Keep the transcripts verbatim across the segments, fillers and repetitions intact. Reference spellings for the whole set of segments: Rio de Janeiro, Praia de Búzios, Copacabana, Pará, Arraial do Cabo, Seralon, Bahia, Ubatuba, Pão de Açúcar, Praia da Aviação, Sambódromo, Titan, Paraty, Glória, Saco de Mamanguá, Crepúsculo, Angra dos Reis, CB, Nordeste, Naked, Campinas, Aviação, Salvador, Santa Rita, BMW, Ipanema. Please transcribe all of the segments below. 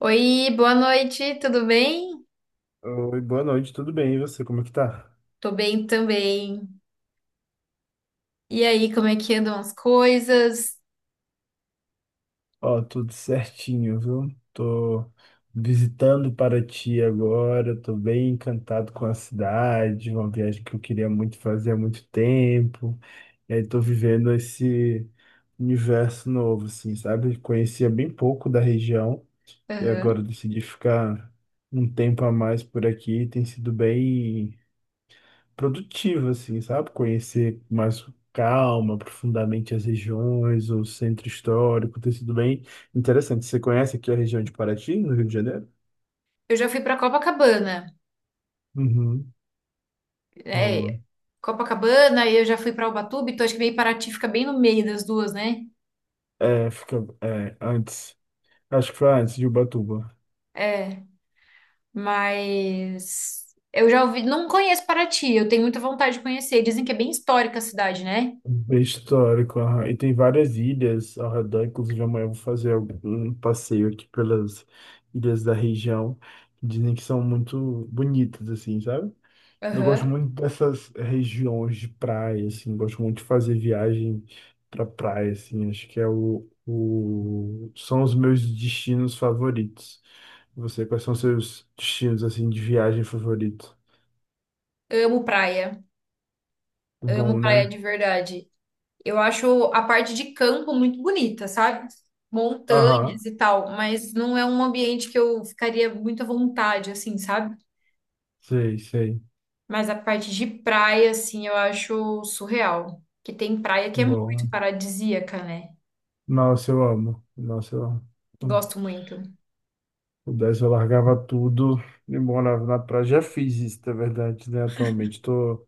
Oi, boa noite, tudo bem? Oi, boa noite, tudo bem? E você, como é que tá? Tô bem também. E aí, como é que andam as coisas? Ó, tudo certinho, viu? Tô visitando Paraty agora, tô bem encantado com a cidade, uma viagem que eu queria muito fazer há muito tempo. E aí tô vivendo esse universo novo, assim, sabe? Conhecia bem pouco da região e agora Aham. decidi ficar um tempo a mais por aqui. Tem sido bem produtivo, assim, sabe? Conhecer mais com calma, profundamente as regiões, o centro histórico, ter sido bem interessante. Você conhece aqui a região de Paraty, no Rio de Janeiro? Eu já fui pra Copacabana. Uhum, boa. É, Copacabana, e eu já fui pra Ubatuba, então acho que meio Paraty fica bem no meio das duas, né? É, fica, é, antes, acho que foi antes de Ubatuba. É, mas eu já ouvi, não conheço Paraty, eu tenho muita vontade de conhecer. Dizem que é bem histórica a cidade, né? Bem histórico, aham. E tem várias ilhas ao redor, inclusive amanhã eu vou fazer algum- um passeio aqui pelas ilhas da região, que dizem que são muito bonitas, assim, sabe? Eu gosto Aham. muito dessas regiões de praia, assim, gosto muito de fazer viagem para praia, assim, acho que é o, o... são os meus destinos favoritos. Você, quais são os seus destinos, assim, de viagem favorito? Amo praia, amo Bom, praia né? de verdade. Eu acho a parte de campo muito bonita, sabe? Aham, Montanhas e tal, mas não é um ambiente que eu ficaria muito à vontade, assim, sabe? sei, sei. Mas a parte de praia, assim, eu acho surreal. Que tem praia que é Bom, muito né? paradisíaca, né? Nossa, eu amo, nossa, eu amo. Hum, Gosto Se muito. pudesse, eu largava tudo e morava na praia. Já fiz isso, na verdade, né, atualmente, tô,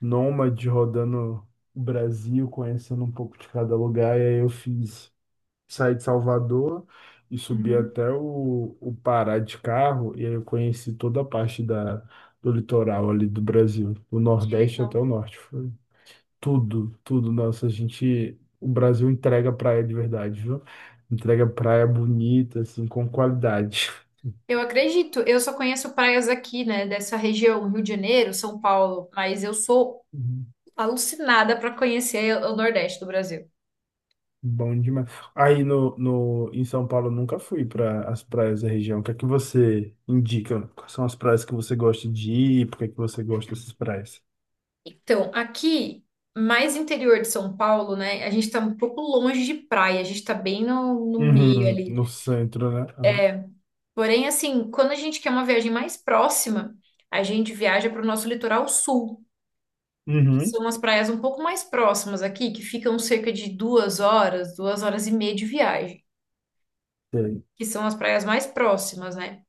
nômade rodando o Brasil, conhecendo um pouco de cada lugar. E aí eu fiz, saí de Salvador e subi Uhum. até o, o Pará de carro. E aí eu conheci toda a parte da, do litoral ali do Brasil, do Que Nordeste até legal. o Norte. Foi tudo, tudo. Nossa, a gente, o Brasil entrega praia de verdade, viu? Entrega praia bonita, assim, com qualidade. Eu acredito, eu só conheço praias aqui, né, dessa região, Rio de Janeiro, São Paulo, mas eu sou alucinada para conhecer o Nordeste do Brasil. Bom demais. Aí no, no, em São Paulo eu nunca fui para as praias da região. O que é que você indica? Quais são as praias que você gosta de ir? Por que é que você gosta dessas praias? Então, aqui, mais interior de São Paulo, né? A gente tá um pouco longe de praia, a gente tá bem no, no meio Uhum, ali. no centro, né? Aham. Porém, assim, quando a gente quer uma viagem mais próxima, a gente viaja para o nosso litoral sul, que Uhum. são as praias um pouco mais próximas aqui, que ficam cerca de duas horas, duas horas e meia de viagem, Sei. que são as praias mais próximas, né?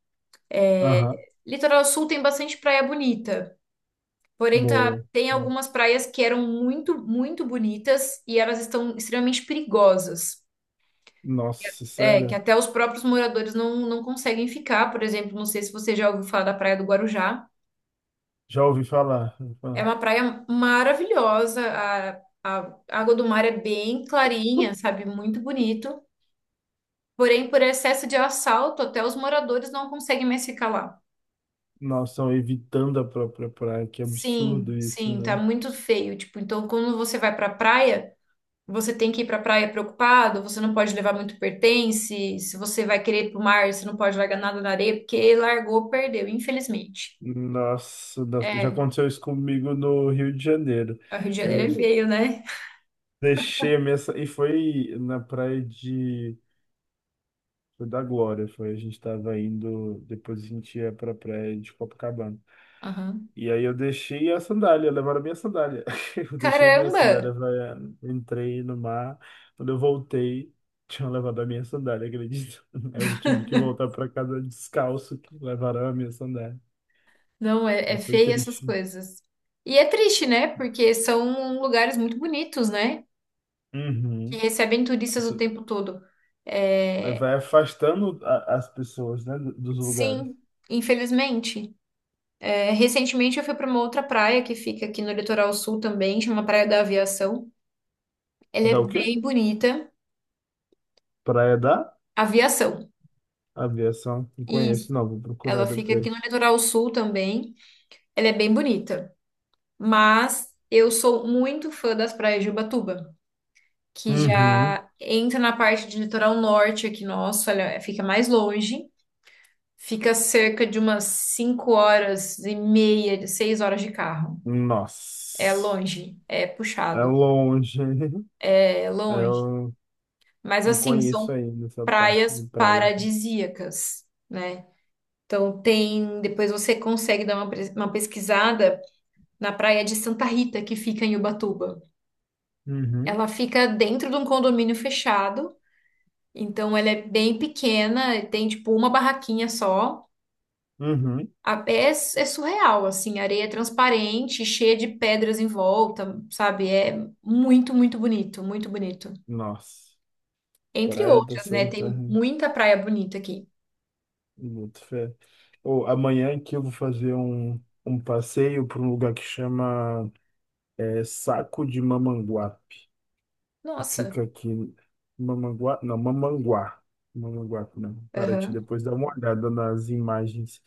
Aham. Litoral sul tem bastante praia bonita. Porém, tá, Boa. tem No- algumas praias que eram muito, muito bonitas e elas estão extremamente perigosas. Nossa, É, que sério? até os próprios moradores não, não conseguem ficar. Por exemplo, não sei se você já ouviu falar da Praia do Guarujá. Já ouvi falar. Já ouvi É falar. uma praia maravilhosa. A, a água do mar é bem clarinha, sabe? Muito bonito. Porém, por excesso de assalto, até os moradores não conseguem mais ficar lá. Nossa, estão evitando a própria praia. Que Sim, absurdo isso, sim, tá né? muito feio. Tipo, então quando você vai pra praia, você tem que ir pra praia preocupado, você não pode levar muito pertence. Se você vai querer ir pro mar, você não pode largar nada na areia, porque largou, perdeu, infelizmente. Nossa, nossa, já É, aconteceu isso comigo no Rio de Janeiro. O Rio de Janeiro é feio, né? Deixei a minha. sa- E foi na praia de. Foi da Glória, foi. A gente tava indo. Depois a gente ia pra praia de Copacabana. Aham. E aí eu deixei a sandália, levaram a minha sandália. Eu deixei minha Caramba! sandália, havaiana, entrei no mar. Quando eu voltei, tinham levado a minha sandália, acredito. Eu tive que voltar pra casa descalço, que levaram a minha sandália. Não, é, é Aí foi feio essas triste. coisas. E é triste, né? Porque são lugares muito bonitos, né? Que Uhum. recebem turistas o Isso tempo todo. É, vai afastando a- as pessoas, né, do- dos lugares. sim, infelizmente. É, recentemente eu fui para uma outra praia que fica aqui no litoral sul também, chama Praia da Aviação. Ela é Dá o quê? bem bonita. Praia da? Aviação. Aviação, não conheço, Isso. não. Vou procurar Ela fica aqui no depois. litoral sul também. Ela é bem bonita. Mas eu sou muito fã das praias de Ubatuba. Que Uhum. já entra na parte de litoral norte aqui nosso, olha, fica mais longe, fica cerca de umas cinco horas e meia, seis horas de carro. É Nossa. longe, é É puxado, longe. hein? é longe. Eu Mas não assim, são conheço ainda essa parte de praias praia. paradisíacas, né? Então tem, depois você consegue dar uma, pres- uma pesquisada na praia de Santa Rita, que fica em Ubatuba. Uhum. Ela fica dentro de um condomínio fechado, então ela é bem pequena, tem tipo uma barraquinha só, Uhum. A- É, é surreal, assim, a areia é transparente, cheia de pedras em volta, sabe? É muito, muito bonito, muito bonito. Nossa. Entre Praia da outras, né? Santa. Tem muita praia bonita aqui. Muito fé. Ou amanhã aqui eu vou fazer um, um passeio para um lugar que chama é, Saco de Mamanguape. Que Nossa, fica aqui. Mamanguá? Não, Mamanguá. Mamanguape, não. Paraty, aham. depois dá uma olhada nas imagens.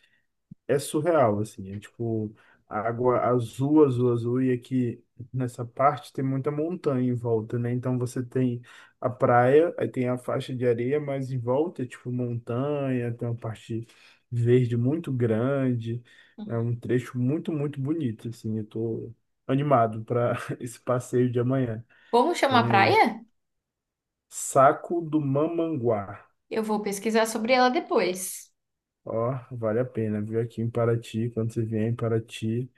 É surreal, assim, é tipo água azul, azul, azul, e aqui nessa parte tem muita montanha em volta, né? Então você tem a praia, aí tem a faixa de areia, mas em volta é tipo montanha, tem uma parte verde muito grande, é um trecho muito, muito bonito, assim, eu tô animado para esse passeio de amanhã. Como chama Vem a praia? aí. Saco do Mamanguá. Eu vou pesquisar sobre ela depois. Ó, vale a pena, viu? Aqui em Paraty, quando você vier em Paraty.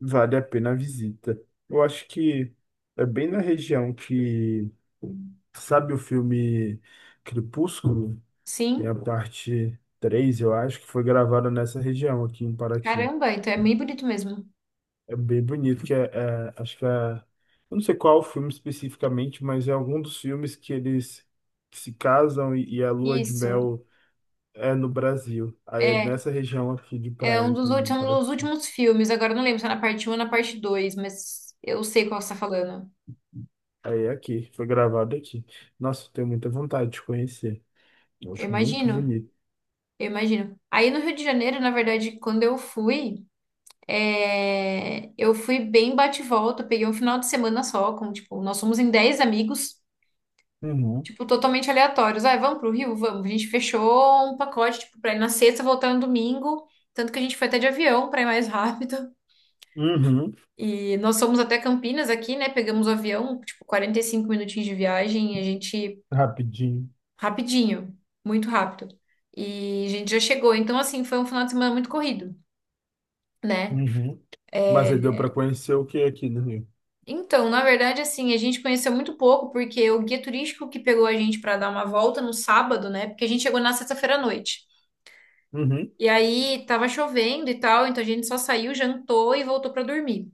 Vale a pena a visita. Eu acho que é bem na região que, sabe o filme Crepúsculo? Tem a Sim, parte três eu acho, que foi gravada nessa região aqui em Paraty. caramba, então é bem bonito mesmo. É bem bonito, que é, é- acho que é, eu não sei qual o filme especificamente, mas é algum dos filmes que eles se casam e, e a lua de Isso, mel é no Brasil. Aí é é, nessa região aqui de é praia, um aqui dos, ulti- em um dos Paraty. últimos filmes, agora eu não lembro se é na parte um, ou na parte dois, mas eu sei qual você está falando. Aí é aqui, foi gravado aqui. Nossa, eu tenho muita vontade de conhecer. Eu Eu acho muito imagino. bonito. Eu imagino. Aí no Rio de Janeiro, na verdade, quando eu fui, é, eu fui bem bate e volta, eu peguei um final de semana só, com, tipo, nós somos em dez amigos, Uhum, tipo, totalmente aleatórios. Ah, vamos pro Rio? Vamos. A gente fechou um pacote, tipo, pra ir na sexta, voltar no domingo, tanto que a gente foi até de avião pra ir mais rápido. uhum, E nós fomos até Campinas aqui, né? Pegamos o avião, tipo, quarenta e cinco minutinhos de viagem, e a gente, rapidinho. rapidinho, muito rápido. E a gente já chegou. Então, assim, foi um final de semana muito corrido né? Uhum. Mas aí deu para conhecer o que aqui no Rio? Então, na verdade, assim, a gente conheceu muito pouco, porque o guia turístico que pegou a gente para dar uma volta no sábado, né? Porque a gente chegou na sexta-feira à noite. Uhum, E aí tava chovendo e tal, então a gente só saiu, jantou e voltou para dormir.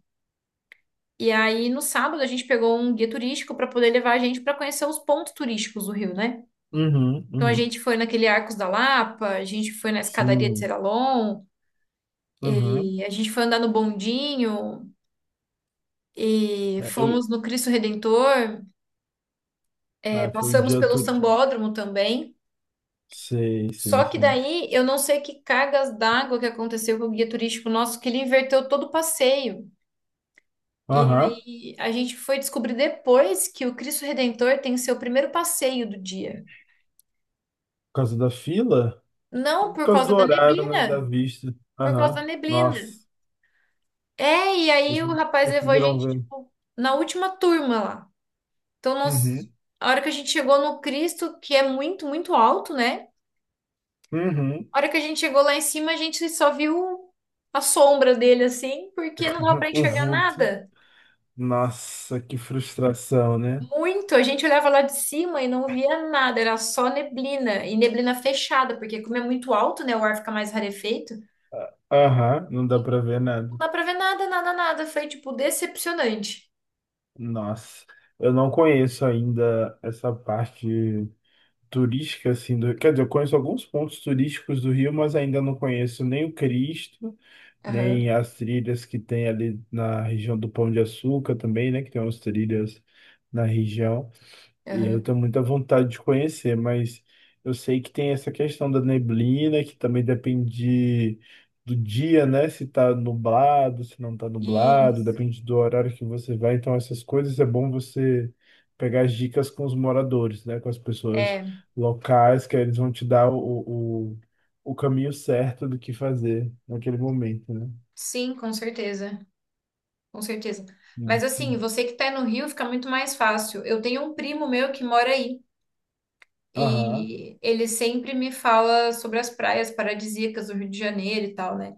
E aí no sábado a gente pegou um guia turístico para poder levar a gente para conhecer os pontos turísticos do Rio, né? uhum, Então a uhum. gente foi naquele Arcos da Lapa, a gente foi na escadaria de Sim, Seralon, uhum. e a gente foi andar no bondinho, e É, eu- fomos no Cristo Redentor, é, Ah, foi um passamos dia pelo todo. Sambódromo também. Sei, sei, Só que sim. daí eu não sei que cargas d'água que aconteceu com o guia turístico nosso, que ele inverteu todo o passeio. E Aham, aí a gente foi descobrir depois que o Cristo Redentor tem seu primeiro passeio do dia. por causa da fila? Não Por por causa do causa da horário, né, da neblina, vista. por causa da Aham, neblina. nossa, É, e aí vocês o não rapaz levou a conseguiram gente, ver. tipo, na última turma lá. Então, nós, Uhum, a hora que a gente chegou no Cristo, que é muito, muito alto, né? uhum, A hora que a gente chegou lá em cima, a gente só viu a sombra dele, assim, porque não dava pra o enxergar vulto. nada. Nossa, que frustração, né? Muito, a gente olhava lá de cima e não via nada, era só neblina, e neblina fechada, porque como é muito alto, né, o ar fica mais rarefeito, Aham, não dá pra ver não nada. dá pra ver nada, nada, nada, foi, tipo, decepcionante. Nossa, eu não conheço ainda essa parte turística, assim, do, quer dizer, eu conheço alguns pontos turísticos do Rio, mas ainda não conheço nem o Cristo, Aham, nem as trilhas que tem ali na região do Pão de Açúcar também, né? Que tem umas trilhas na região. E eu aham. tenho muita vontade de conhecer, mas eu sei que tem essa questão da neblina, que também depende do dia, né? Se tá nublado, se não tá nublado, Isso, depende do horário que você vai. Então, essas coisas é bom você pegar as dicas com os moradores, né? Com as pessoas é, locais, que aí eles vão te dar o, o, o caminho certo do que fazer naquele momento, né? sim, com certeza, com certeza. Né? Mas assim, você que tá no Rio fica muito mais fácil. Eu tenho um primo meu que mora aí, Aham, e ele sempre me fala sobre as praias paradisíacas do Rio de Janeiro e tal, né?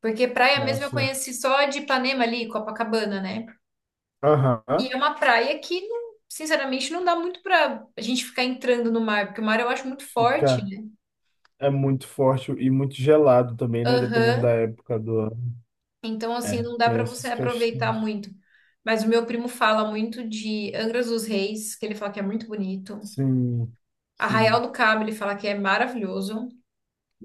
Porque praia mesmo eu nossa. conheci só de Ipanema ali, Copacabana, né? E Aham, é uma praia que, não- sinceramente, não dá muito pra a gente ficar entrando no mar, porque o mar eu acho muito forte, fica. né? É muito forte e muito gelado também, né? Dependendo da Aham. época do ano. Então, assim, É, não dá tem pra você essas aproveitar questões. muito. Mas o meu primo fala muito de Angra dos Reis, que ele fala que é muito bonito. Sim, Arraial sim. do Cabo, ele fala que é maravilhoso.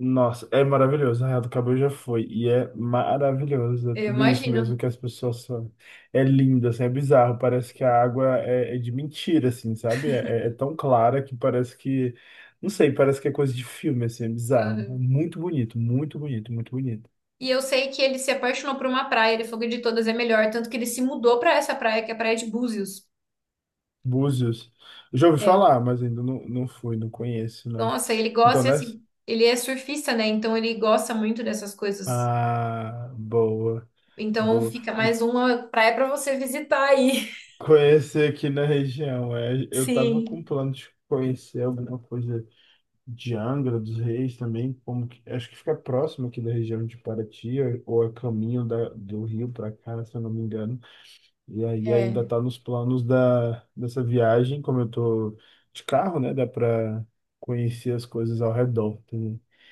Nossa, é maravilhoso. Arraial do Cabo já foi. E é maravilhoso. É Eu tudo isso mesmo imagino. que as pessoas falam. É lindo, assim, é bizarro. Parece que a água é, é de mentira, assim, sabe? É, é- é tão clara que parece que. Não sei, parece que é coisa de filme, assim, é bizarro. É Aham. muito bonito, muito bonito, muito bonito. E eu sei que ele se apaixonou por uma praia, ele falou que de todas é melhor, tanto que ele se mudou pra essa praia, que é a Praia de Búzios. Búzios. Eu já ouvi É. falar, mas ainda não, não fui, não conheço, não. Nossa, ele Então, gosta, e nessa. assim, ele é surfista, né? Então ele gosta muito dessas coisas. Ah, boa, Então boa. fica Eu mais uma praia pra você visitar aí. conheci aqui na região. É, eu tava com Sim. plano de conhecer alguma coisa de Angra dos Reis também, como que, acho que fica próximo aqui da região de Paraty, ou é caminho da, do Rio para cá, se eu não me engano. E aí ainda É, tá nos planos da, dessa viagem, como eu tô de carro, né? Dá para conhecer as coisas ao redor. Tá?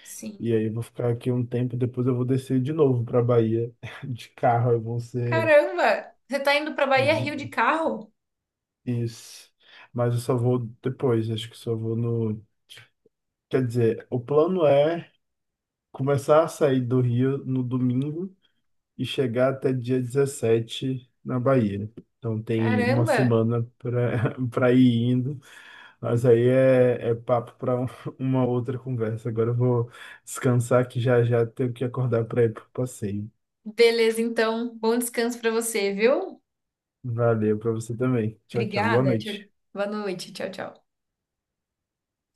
sim. E aí eu vou ficar aqui um tempo, depois eu vou descer de novo para Bahia de carro, aí vão ser Caramba, você tá indo pra Bahia Rio de carro? isso. Mas eu só vou depois, acho que só vou no, quer dizer, o plano é começar a sair do Rio no domingo e chegar até dia dezessete na Bahia. Então tem uma Caramba. semana para para ir indo, mas aí é, é papo para uma outra conversa. Agora eu vou descansar que já já tenho que acordar para ir pro passeio. Beleza, então, bom descanso pra você, viu? Valeu pra você também. Tchau, tchau. Boa Obrigada. Tchau. noite. Boa noite. Tchau, tchau.